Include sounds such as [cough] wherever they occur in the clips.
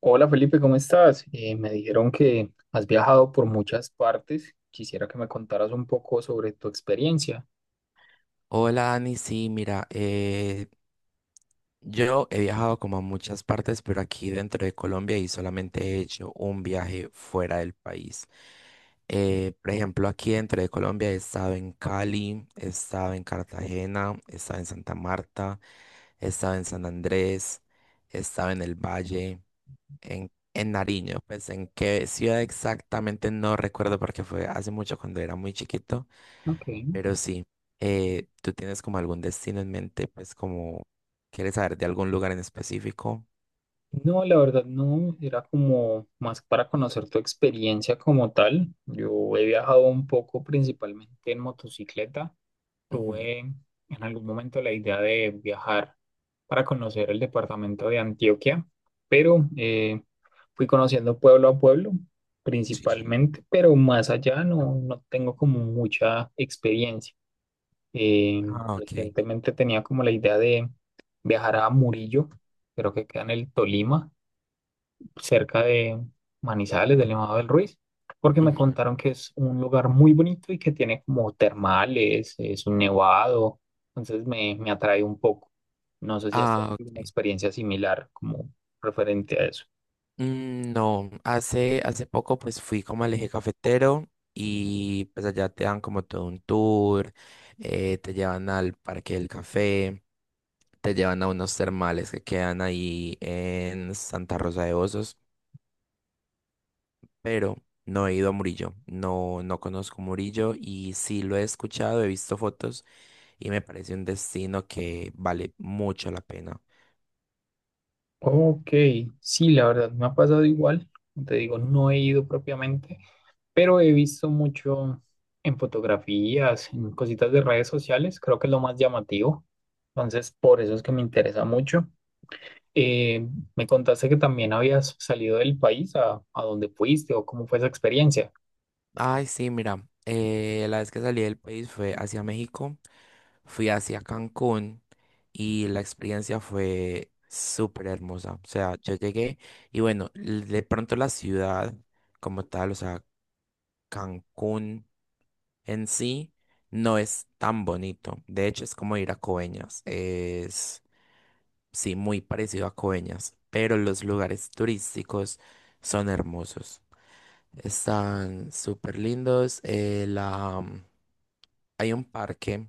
Hola Felipe, ¿cómo estás? Me dijeron que has viajado por muchas partes. Quisiera que me contaras un poco sobre tu experiencia. Hola, Ani, sí, mira, yo he viajado como a muchas partes, pero aquí dentro de Colombia y solamente he hecho un viaje fuera del país. Por ejemplo, aquí dentro de Colombia he estado en Cali, he estado en Cartagena, he estado en Santa Marta, he estado en San Andrés, he estado en el Valle, en Nariño, pues en qué ciudad exactamente no recuerdo porque fue hace mucho cuando era muy chiquito, Ok. pero sí, ¿tú tienes como algún destino en mente? Pues como, ¿quieres saber de algún lugar en específico? No, la verdad no, era como más para conocer tu experiencia como tal. Yo he viajado un poco principalmente en motocicleta. Ujú. Tuve en algún momento la idea de viajar para conocer el departamento de Antioquia, pero fui conociendo pueblo a pueblo Sí. principalmente, pero más allá no, no tengo como mucha experiencia. Eh, Ah, ok. Recientemente tenía como la idea de viajar a Murillo, creo que queda en el Tolima cerca de Manizales, del Nevado del Ruiz, porque Ujú. me contaron que es un lugar muy bonito y que tiene como termales, es un nevado, entonces me atrae un poco. No sé si has Ah, tenido una ok. experiencia similar como referente a eso. Mm, no, hace poco pues fui como al Eje Cafetero y pues allá te dan como todo un tour, te llevan al Parque del Café, te llevan a unos termales que quedan ahí en Santa Rosa de Osos, pero no he ido a Murillo, no, no conozco Murillo y sí lo he escuchado, he visto fotos y me parece un destino que vale mucho la pena. Ok, sí, la verdad me ha pasado igual. Como te digo, no he ido propiamente, pero he visto mucho en fotografías, en cositas de redes sociales, creo que es lo más llamativo. Entonces, por eso es que me interesa mucho. Eh, Me contaste que también habías salido del país a donde fuiste o cómo fue esa experiencia. Ay, sí, mira, la vez que salí del país fue hacia México, fui hacia Cancún y la experiencia fue súper hermosa. O sea, yo llegué y bueno, de pronto la ciudad como tal, o sea, Cancún en sí no es tan bonito. De hecho, es como ir a Coveñas. Es, sí, muy parecido a Coveñas, pero los lugares turísticos son hermosos. Están súper lindos. Hay un parque,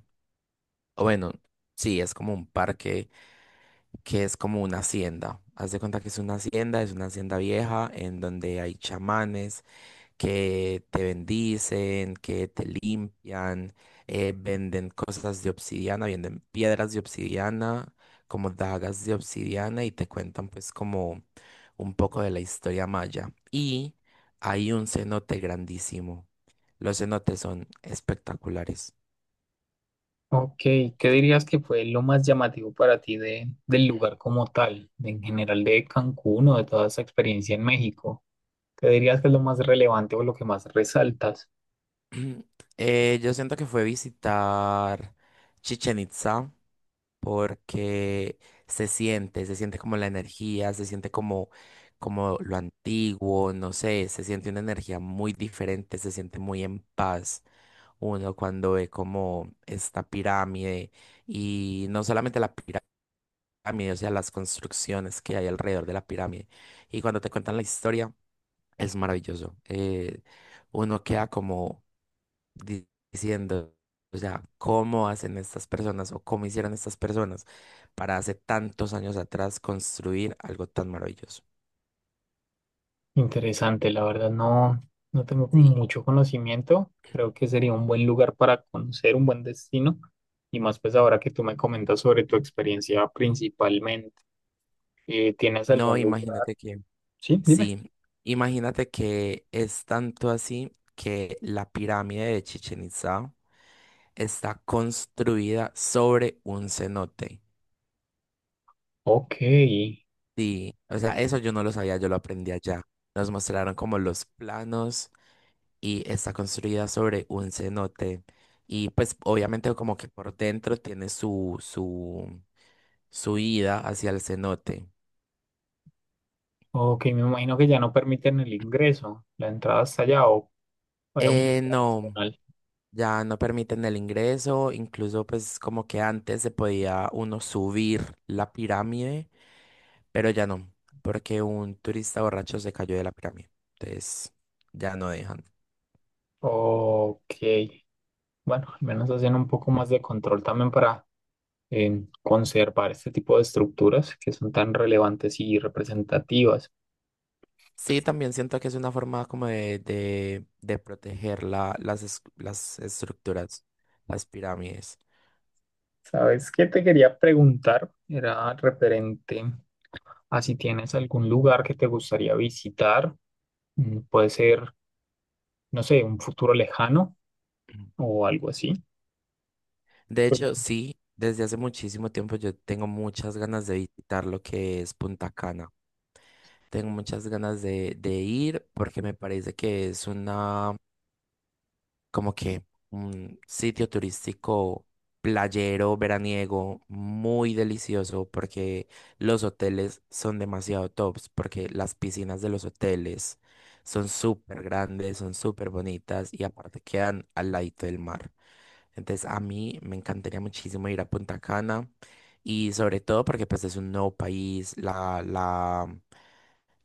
o bueno, sí, es como un parque que es como una hacienda. Haz de cuenta que es una hacienda vieja en donde hay chamanes que te bendicen, que te limpian, venden cosas de obsidiana, venden piedras de obsidiana, como dagas de obsidiana y te cuentan pues como un poco de la historia maya. Y hay un cenote grandísimo. Los cenotes son espectaculares. Ok, ¿qué dirías que fue lo más llamativo para ti de, del lugar como tal, en general de Cancún o de toda esa experiencia en México? ¿Qué dirías que es lo más relevante o lo que más resaltas? [clears throat] Yo siento que fue visitar Chichen Itza porque se siente como la energía, se siente como, como lo antiguo, no sé, se siente una energía muy diferente, se siente muy en paz uno cuando ve como esta pirámide y no solamente la pirámide, o sea, las construcciones que hay alrededor de la pirámide. Y cuando te cuentan la historia, es maravilloso. Uno queda como diciendo, o sea, cómo hacen estas personas o cómo hicieron estas personas para hace tantos años atrás construir algo tan maravilloso. Interesante, la verdad no, no tengo como Sí. mucho conocimiento. Creo que sería un buen lugar para conocer, un buen destino. Y más pues ahora que tú me comentas sobre tu experiencia principalmente. ¿Tienes No, algún lugar? Sí, dime. sí, imagínate que es tanto así que la pirámide de Chichen Itza está construida sobre un cenote. Ok, Sí, o sea, eso yo no lo sabía, yo lo aprendí allá. Nos mostraron como los planos y está construida sobre un cenote. Y pues obviamente como que por dentro tiene su ida hacia el cenote. ok, me imagino que ya no permiten el ingreso, la entrada hasta allá o para un No, nacional. ya no permiten el ingreso, incluso pues como que antes se podía uno subir la pirámide, pero ya no, porque un turista borracho se cayó de la pirámide. Entonces ya no dejan. Ok, bueno, al menos hacen un poco más de control también para conservar este tipo de estructuras que son tan relevantes y representativas. Sí, también siento que es una forma como de proteger las estructuras, las pirámides. ¿Sabes qué te quería preguntar? Era referente a si tienes algún lugar que te gustaría visitar, mm, puede ser, no sé, un futuro lejano Ujú. o algo así. De hecho, sí, desde hace muchísimo tiempo yo tengo muchas ganas de visitar lo que es Punta Cana. Tengo muchas ganas de ir porque me parece que es una, como que un sitio turístico playero, veraniego, muy delicioso porque los hoteles son demasiado tops, porque las piscinas de los hoteles son súper grandes, son súper bonitas y aparte quedan al ladito del mar. Entonces a mí me encantaría muchísimo ir a Punta Cana y sobre todo porque pues es un nuevo país,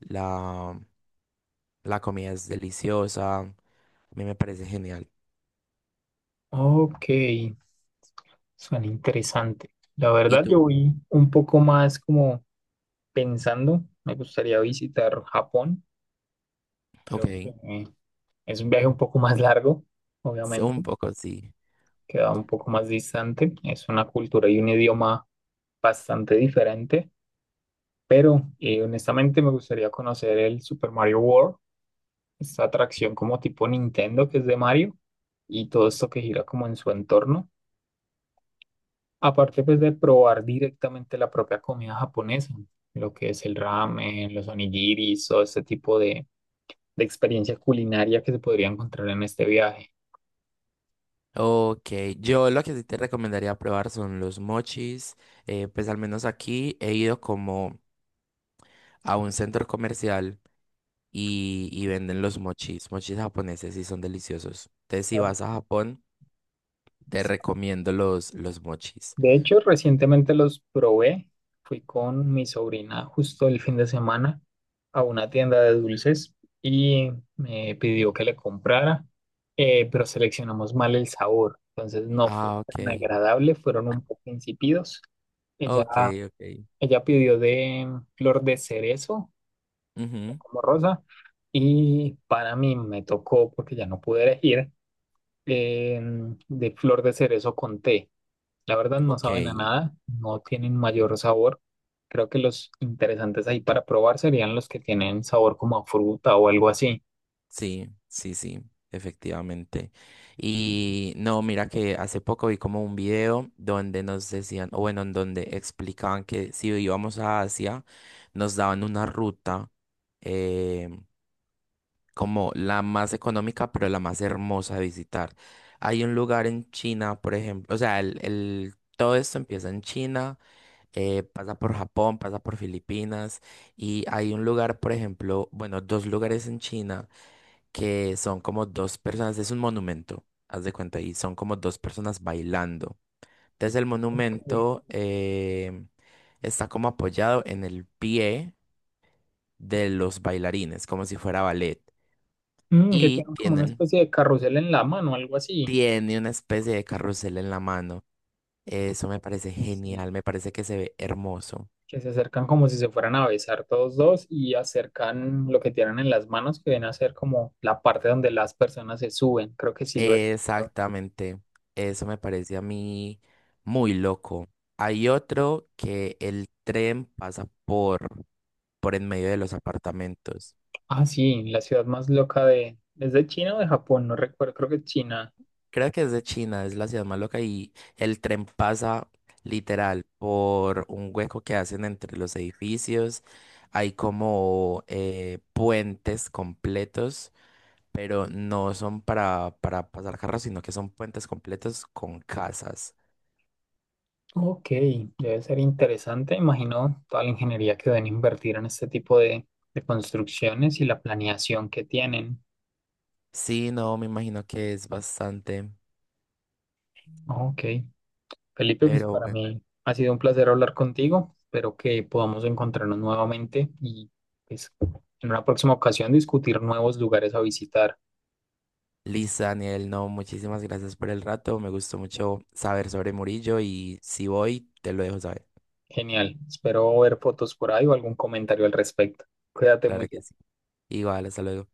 la, la comida es deliciosa, a mí me parece genial. Ok, suena interesante. La ¿Y verdad, yo tú? voy un poco más como pensando, me gustaría visitar Japón, Ok. creo que es un viaje un poco más largo, Un obviamente, poco, sí. queda un poco más distante, es una cultura y un idioma bastante diferente, pero honestamente me gustaría conocer el Super Mario World, esta atracción como tipo Nintendo que es de Mario y todo esto que gira como en su entorno. Aparte pues de probar directamente la propia comida japonesa, lo que es el ramen, los onigiris, todo este tipo de experiencia culinaria que se podría encontrar en este viaje. Ok, yo lo que sí te recomendaría probar son los mochis. Pues al menos aquí he ido como a un centro comercial y venden los mochis. Mochis japoneses y son deliciosos. Entonces, si Sa- vas a Japón, te recomiendo los mochis. De hecho, recientemente los probé. Fui con mi sobrina justo el fin de semana a una tienda de dulces y me pidió que le comprara, pero seleccionamos mal el sabor. Entonces no fue Ah, ok. tan agradable, fueron un poco insípidos. Ella Ok, ok. Ella pidió de flor de cerezo Ujú. como rosa y para mí me tocó, porque ya no pude elegir, de flor de cerezo con té. La verdad no Ok. saben a nada, no tienen mayor sabor. Creo que los interesantes ahí para probar serían los que tienen sabor como a fruta o algo así. Sí, sí, sí, efectivamente. Y no, mira que hace poco vi como un video donde nos decían, o bueno, en donde explicaban que si íbamos a Asia, nos daban una ruta eh, como la más económica, pero la más hermosa de visitar. Hay un lugar en China, por ejemplo, o sea, todo esto empieza en China, pasa por Japón, pasa por Filipinas, y hay un lugar, por ejemplo, bueno, dos lugares en China que son como dos personas, es un monumento, haz de cuenta, y son como dos personas bailando. Entonces el Ok. monumento, está como apoyado en el pie de los bailarines, como si fuera ballet, Mm, que y tienen como una especie de carrusel en la mano, algo así. tiene una especie de carrusel en la mano. Eso me parece Y sí, genial, me parece que se ve hermoso. que se acercan como si se fueran a besar todos dos y acercan lo que tienen en las manos, que viene a ser como la parte donde las personas se suben. Creo que sí lo he visto. Exactamente, eso me parece a mí muy loco. Hay otro que el tren pasa por en medio de los apartamentos. Ah, sí, la ciudad más loca de... ¿Es de China o de Japón? No recuerdo, creo que es China. Creo que es de China, es la ciudad más loca y el tren pasa literal por un hueco que hacen entre los edificios. Hay como puentes completos, pero no son para, pasar carros, sino que son puentes completos con casas. Ok, debe ser interesante. Imagino toda la ingeniería que deben invertir en este tipo de construcciones y la planeación que tienen. Sí, no, me imagino que es bastante, Ok. Felipe, pues pero para bueno. mí ha sido un placer hablar contigo. Espero que podamos encontrarnos nuevamente y pues, en una próxima ocasión discutir nuevos lugares a visitar. Liz, Daniel, no, muchísimas gracias por el rato. Me gustó mucho saber sobre Murillo y si voy, te lo dejo saber. Genial. Espero ver fotos por ahí o algún comentario al respecto. Cuídate Claro que mucho. sí. Igual, hasta luego.